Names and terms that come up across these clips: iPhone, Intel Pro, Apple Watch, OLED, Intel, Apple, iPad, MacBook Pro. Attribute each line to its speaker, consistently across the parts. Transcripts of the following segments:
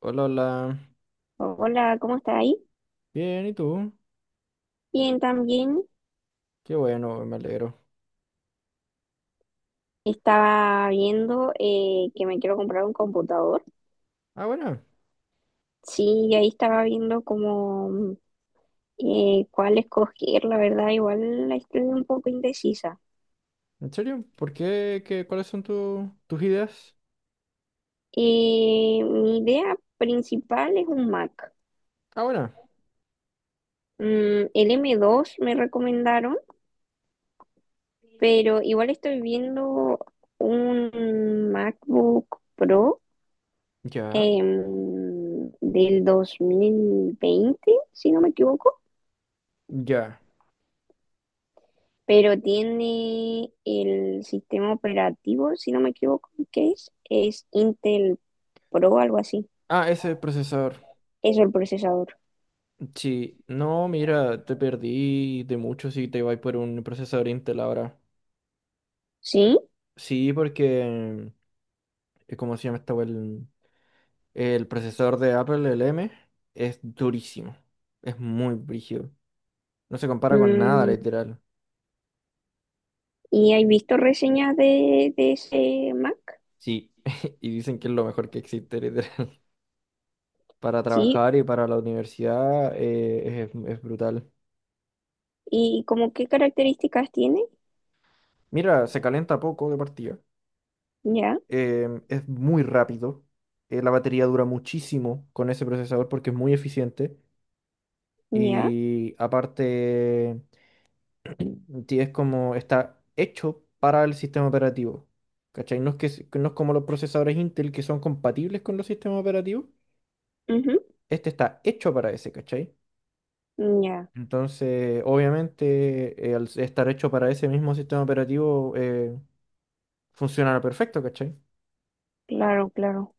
Speaker 1: Hola, hola.
Speaker 2: Hola, ¿cómo estás ahí?
Speaker 1: Bien, ¿y tú?
Speaker 2: Bien, también
Speaker 1: Qué bueno, me alegro.
Speaker 2: estaba viendo que me quiero comprar un computador.
Speaker 1: Ah, bueno,
Speaker 2: Sí, y ahí estaba viendo como cuál escoger, la verdad, igual la estoy un poco indecisa.
Speaker 1: ¿en serio? ¿Por qué? ¿Qué? ¿Cuáles son tus ideas?
Speaker 2: Mi idea principal es un Mac.
Speaker 1: Ah, bueno,
Speaker 2: El M2 me recomendaron, pero igual estoy viendo un MacBook Pro
Speaker 1: ya,
Speaker 2: del 2020, si no me equivoco.
Speaker 1: ya.
Speaker 2: Pero tiene el sistema operativo, si no me equivoco, ¿qué es? Es Intel Pro, algo así.
Speaker 1: Ah, ese procesador.
Speaker 2: Es el procesador.
Speaker 1: Sí, no, mira, te perdí de mucho si te vas por un procesador Intel ahora.
Speaker 2: ¿Sí?
Speaker 1: Sí, porque, ¿cómo se llama esta wea? El procesador de Apple, el M, es durísimo. Es muy brígido. No se compara con nada,
Speaker 2: Mm,
Speaker 1: literal.
Speaker 2: ¿Y hay visto reseñas de ese Mac?
Speaker 1: Sí, y dicen que es lo mejor que existe, literal. Para
Speaker 2: Sí.
Speaker 1: trabajar y para la universidad es brutal.
Speaker 2: ¿Y como qué características tiene?
Speaker 1: Mira, se calienta poco de partida.
Speaker 2: Ya,
Speaker 1: Es muy rápido. La batería dura muchísimo con ese procesador porque es muy eficiente.
Speaker 2: ya,
Speaker 1: Y aparte, es como está hecho para el sistema operativo. ¿Cachai? No es que, no es como los procesadores Intel que son compatibles con los sistemas operativos.
Speaker 2: ujú,
Speaker 1: Este está hecho para ese, ¿cachai?
Speaker 2: ya.
Speaker 1: Entonces, obviamente, al estar hecho para ese mismo sistema operativo, funcionará perfecto, ¿cachai?
Speaker 2: Claro, claro.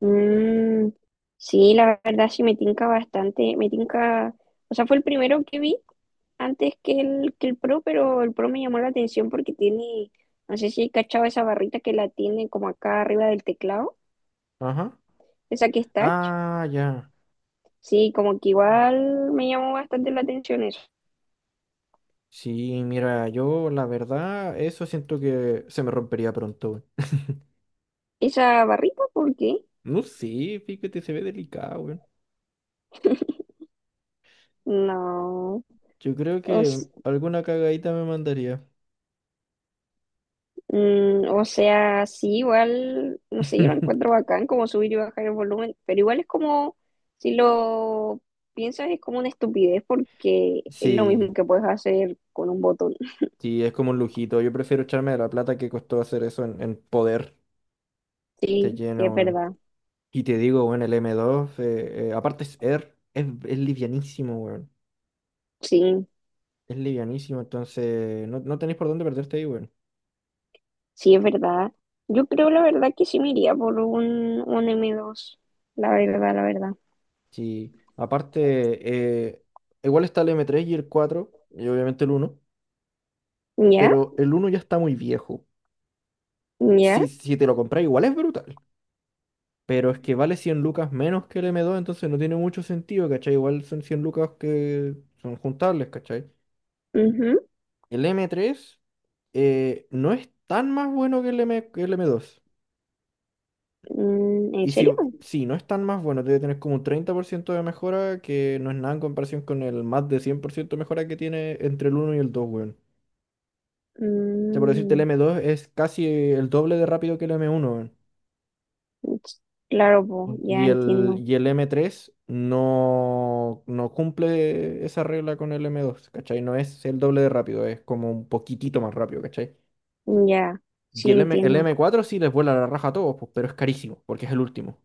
Speaker 2: Mm, sí, la verdad sí me tinca bastante, me tinca, o sea, fue el primero que vi antes que el Pro, pero el Pro me llamó la atención porque tiene, no sé si he cachado esa barrita que la tiene como acá arriba del teclado,
Speaker 1: Ajá.
Speaker 2: esa que es touch.
Speaker 1: Ah, ya.
Speaker 2: Sí, como que igual me llamó bastante la atención eso.
Speaker 1: Sí, mira, yo la verdad, eso siento que se me rompería pronto, weón.
Speaker 2: ¿Esa barrita por qué?
Speaker 1: No sé, fíjate, se ve delicado, weón.
Speaker 2: No.
Speaker 1: Yo creo
Speaker 2: O,
Speaker 1: que
Speaker 2: s-
Speaker 1: alguna cagadita me mandaría.
Speaker 2: o sea, sí, igual, no sé, yo lo encuentro bacán como subir y bajar el volumen, pero igual es como, si lo piensas, es como una estupidez porque es lo
Speaker 1: Sí,
Speaker 2: mismo que puedes hacer con un botón.
Speaker 1: sí, es como un lujito. Yo prefiero echarme de la plata que costó hacer eso en poder de
Speaker 2: Sí, sí, es
Speaker 1: lleno, weón.
Speaker 2: verdad.
Speaker 1: Y te digo, weón, el m dos aparte es Air, es livianísimo, weón.
Speaker 2: Sí,
Speaker 1: Es livianísimo, entonces no, no tenéis por dónde perderte ahí, weón.
Speaker 2: sí, es verdad. Yo creo la verdad que sí me iría por un M2. La verdad, la verdad.
Speaker 1: Sí, aparte, igual está el m tres y el 4 y obviamente el uno
Speaker 2: ¿Ya?
Speaker 1: pero el uno ya está muy viejo.
Speaker 2: ¿Ya?
Speaker 1: Si te lo compras, igual es brutal, pero es que vale 100 lucas menos que el m dos entonces no tiene mucho sentido, ¿cachai? Igual son 100 lucas que son juntables, ¿cachai?
Speaker 2: Ujú,
Speaker 1: El m tres no es tan más bueno que que el m dos.
Speaker 2: ¿en
Speaker 1: Y si,
Speaker 2: serio?
Speaker 1: sí, no es tan más bueno, debe tener como un 30% de mejora, que no es nada en comparación con el más de 100% de mejora que tiene entre el uno y el 2, sea, por decirte, el
Speaker 2: Mm,
Speaker 1: m dos es casi el doble de rápido que el m uno weón.
Speaker 2: s- claro, po,
Speaker 1: Y
Speaker 2: ya
Speaker 1: el,
Speaker 2: entiendo.
Speaker 1: y el m tres no, no cumple esa regla con el m dos, ¿cachai? No es el doble de rápido, es como un poquitito más rápido, ¿cachai?
Speaker 2: Ya,
Speaker 1: Y
Speaker 2: sí
Speaker 1: el, M, el
Speaker 2: entiendo.
Speaker 1: m cuatro sí les vuela la raja a todos, pues, pero es carísimo, porque es el último.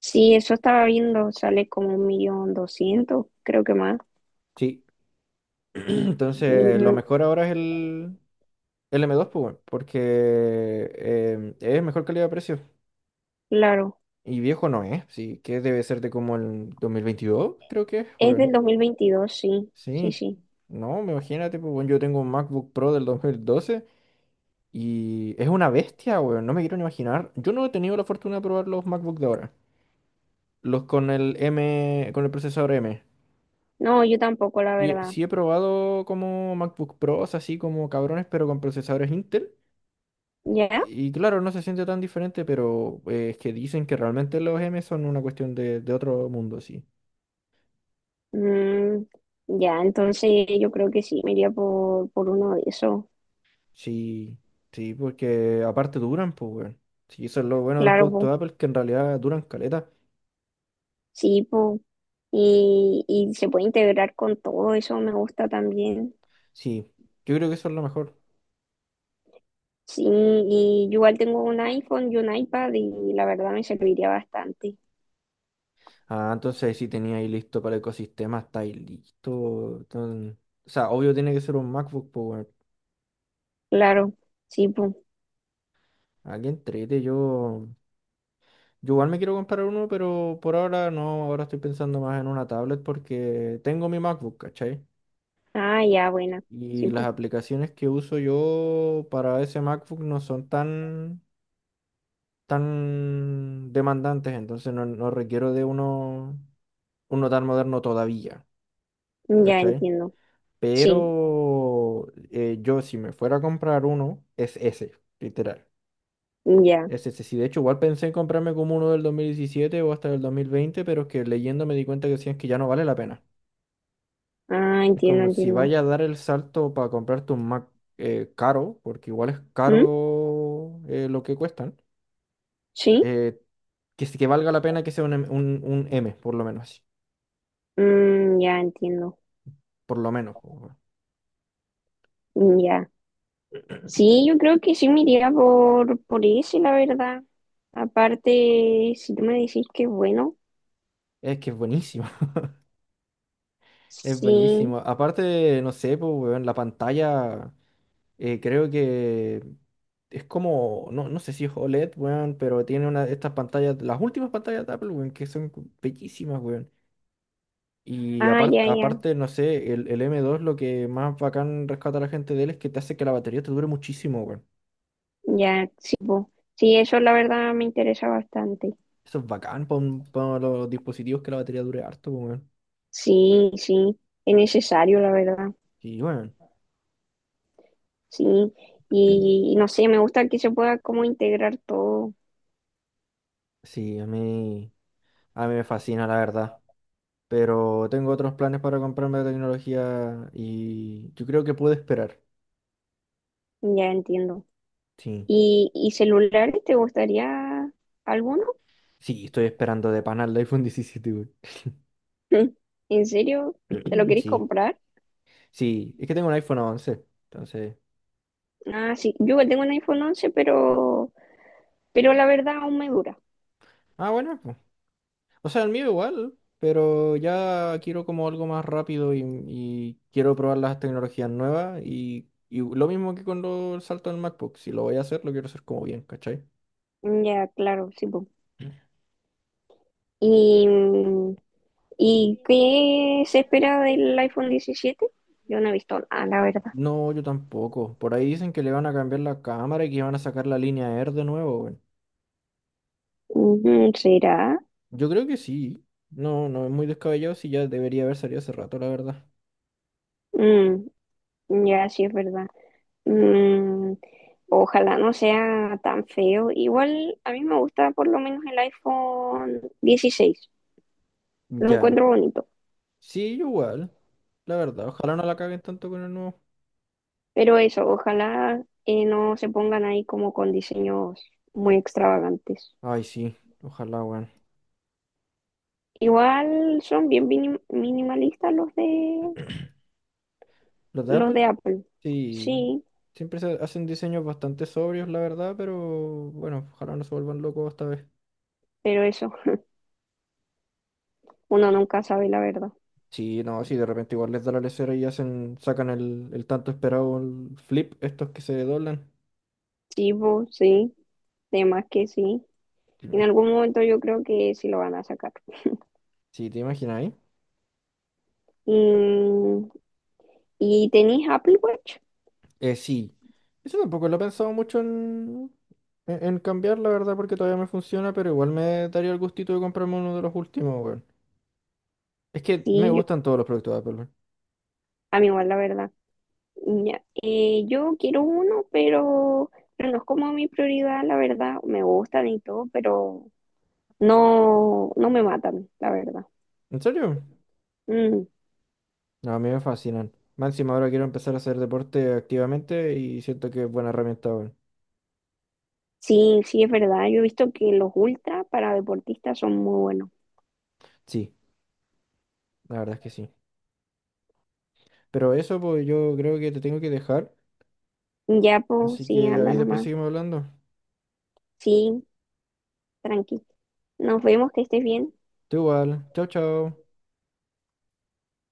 Speaker 2: Sí, eso estaba viendo, sale como 1.200.000, creo que más.
Speaker 1: Sí, entonces lo
Speaker 2: Mm,
Speaker 1: mejor ahora es el, m dos pues, weón, porque es mejor calidad de precio.
Speaker 2: claro,
Speaker 1: Y viejo no es, sí, que debe ser de como el 2022 creo que es,
Speaker 2: es del
Speaker 1: weón.
Speaker 2: 2022, sí, sí,
Speaker 1: Sí,
Speaker 2: sí.
Speaker 1: no, me imagínate, pues, weón, yo tengo un MacBook Pro del 2012 y es una bestia, weón, no me quiero ni imaginar. Yo no he tenido la fortuna de probar los MacBook de ahora, los con el M, con el procesador M.
Speaker 2: No, yo tampoco, la
Speaker 1: Y
Speaker 2: verdad.
Speaker 1: sí he probado como MacBook Pros, así como cabrones, pero con procesadores Intel.
Speaker 2: ¿Ya?
Speaker 1: Y claro, no se siente tan diferente, pero es que dicen que realmente los M son una cuestión de otro mundo, sí.
Speaker 2: Mm, ya, entonces yo creo que sí, me iría por uno de esos.
Speaker 1: Sí, sí, porque aparte duran, pues, weón. Sí, eso es lo bueno de los
Speaker 2: Claro,
Speaker 1: productos
Speaker 2: po.
Speaker 1: de Apple, que en realidad duran caleta.
Speaker 2: Sí, po. Y se puede integrar con todo, eso me gusta también.
Speaker 1: Sí, yo creo que eso es lo mejor.
Speaker 2: Sí, y yo igual tengo un iPhone y un iPad y la verdad me serviría bastante.
Speaker 1: Ah, entonces si tenía ahí listo para el ecosistema, está ahí listo. Entonces, o sea, obvio tiene que ser un MacBook Power.
Speaker 2: Claro, sí, pues.
Speaker 1: Aquí entrete, yo, igual me quiero comprar uno, pero por ahora no, ahora estoy pensando más en una tablet porque tengo mi MacBook, ¿cachai?
Speaker 2: Ah, ya, buena.
Speaker 1: Y
Speaker 2: Sí,
Speaker 1: las
Speaker 2: pues.
Speaker 1: aplicaciones que uso yo para ese MacBook no son tan, demandantes, entonces no, no requiero de uno tan moderno todavía,
Speaker 2: Ya
Speaker 1: ¿cachai?
Speaker 2: entiendo. Sí,
Speaker 1: Pero yo si me fuera a comprar uno, es ese, literal.
Speaker 2: ya.
Speaker 1: Es ese. Sí, de hecho, igual pensé en comprarme como uno del 2017 o hasta del 2020 pero es que leyendo me di cuenta que decían que ya no vale la pena.
Speaker 2: Ah,
Speaker 1: Es
Speaker 2: entiendo,
Speaker 1: como si
Speaker 2: entiendo.
Speaker 1: vaya a dar el salto para comprarte un Mac caro, porque igual es
Speaker 2: ¿Mm?
Speaker 1: caro lo que cuestan,
Speaker 2: ¿Sí?
Speaker 1: eh, que, sí que valga la pena que sea un M, por lo menos.
Speaker 2: Ya entiendo.
Speaker 1: Por lo menos. Po, weón.
Speaker 2: Ya. Sí, yo creo que sí me iría por ese, la verdad. Aparte, si tú me decís que es bueno,
Speaker 1: Es que es buenísimo, es
Speaker 2: sí.
Speaker 1: buenísimo. Aparte, no sé, pues, weón, la pantalla. Creo que es como, no, no sé si es OLED, weón, pero tiene una de estas pantallas, las últimas pantallas de Apple, weón, que son bellísimas, weón. Y
Speaker 2: Ah, ya,
Speaker 1: aparte,
Speaker 2: ya,
Speaker 1: aparte, no sé, el, m dos lo que más bacán rescata a la gente de él es que te hace que la batería te dure muchísimo, weón.
Speaker 2: ya, sí, po. Sí, eso la verdad me interesa bastante.
Speaker 1: Eso es bacán para los dispositivos que la batería dure harto, weón.
Speaker 2: Sí, sí, es necesario, la verdad.
Speaker 1: Y weón,
Speaker 2: Sí, y no sé, me gusta que se pueda como integrar todo.
Speaker 1: sí, a mí me fascina, la verdad. Pero tengo otros planes para comprarme de tecnología y yo creo que puedo esperar.
Speaker 2: Ya entiendo.
Speaker 1: Sí.
Speaker 2: ¿Y celulares te gustaría alguno?
Speaker 1: Sí, estoy esperando de pana el iPhone 17, güey.
Speaker 2: ¿En serio? ¿Te lo querés
Speaker 1: Sí,
Speaker 2: comprar?
Speaker 1: sí, es que tengo un iPhone 11, entonces.
Speaker 2: Ah, sí, yo igual tengo un iPhone 11, pero... Pero la verdad aún me dura.
Speaker 1: Ah, bueno, pues. O sea, el mío igual, pero ya quiero como algo más rápido y quiero probar las tecnologías nuevas y lo mismo que con el salto del MacBook, si lo voy a hacer, lo quiero hacer como bien, ¿cachai?
Speaker 2: Ya, claro, sí, po. ¿Y, mm, y qué se espera del iPhone 17? Yo no he visto nada, la verdad.
Speaker 1: No, yo tampoco. Por ahí dicen que le van a cambiar la cámara y que van a sacar la línea Air de nuevo, güey.
Speaker 2: Ujú, ¿será?
Speaker 1: Yo creo que sí. No, no es muy descabellado si ya debería haber salido hace rato, la verdad.
Speaker 2: Mm, ya, sí es verdad. Mm, Ojalá no sea tan feo. Igual a mí me gusta por lo menos el iPhone 16. Lo
Speaker 1: Ya.
Speaker 2: encuentro bonito.
Speaker 1: Sí, yo igual. La verdad, ojalá no la caguen tanto con el nuevo.
Speaker 2: Pero eso, ojalá no se pongan ahí como con diseños muy extravagantes.
Speaker 1: Ay, sí, ojalá, weón.
Speaker 2: Igual son bien minimalistas los de
Speaker 1: Los de
Speaker 2: los
Speaker 1: Apple,
Speaker 2: de Apple.
Speaker 1: sí.
Speaker 2: Sí,
Speaker 1: Siempre se hacen diseños bastante sobrios, la verdad, pero bueno, ojalá no se vuelvan locos esta vez.
Speaker 2: pero eso, uno nunca sabe la verdad.
Speaker 1: Sí, no, si de repente igual les da la lesera y sacan el, tanto esperado el flip, estos que se doblan.
Speaker 2: Sí, po, sí, de más que sí.
Speaker 1: Sí,
Speaker 2: En algún momento yo creo que sí lo van a sacar.
Speaker 1: sí, ¿te imaginas ahí?
Speaker 2: Y, y tenéis Apple Watch.
Speaker 1: Sí. Eso tampoco lo he pensado mucho en, en cambiar, la verdad, porque todavía me funciona, pero igual me daría el gustito de comprarme uno de los últimos, weón. Es que me
Speaker 2: Sí,
Speaker 1: gustan todos los productos de Apple.
Speaker 2: a mí igual la verdad. Ya, yo quiero uno, pero no es como mi prioridad, la verdad. Me gustan y todo, pero no, no me matan, la verdad.
Speaker 1: ¿En serio?
Speaker 2: Mm.
Speaker 1: No, a mí me fascinan. Más encima ahora quiero empezar a hacer deporte activamente y siento que es buena herramienta, weón.
Speaker 2: Sí, sí, es verdad. Yo he visto que los ultra para deportistas son muy buenos.
Speaker 1: Sí, la verdad es que sí. Pero eso, pues yo creo que te tengo que dejar.
Speaker 2: Ya, pues,
Speaker 1: Así
Speaker 2: sí,
Speaker 1: que ahí
Speaker 2: anda
Speaker 1: después
Speaker 2: nomás.
Speaker 1: seguimos hablando.
Speaker 2: Sí, tranqui. Nos vemos, que estés bien.
Speaker 1: Tú igual. Chao, chao.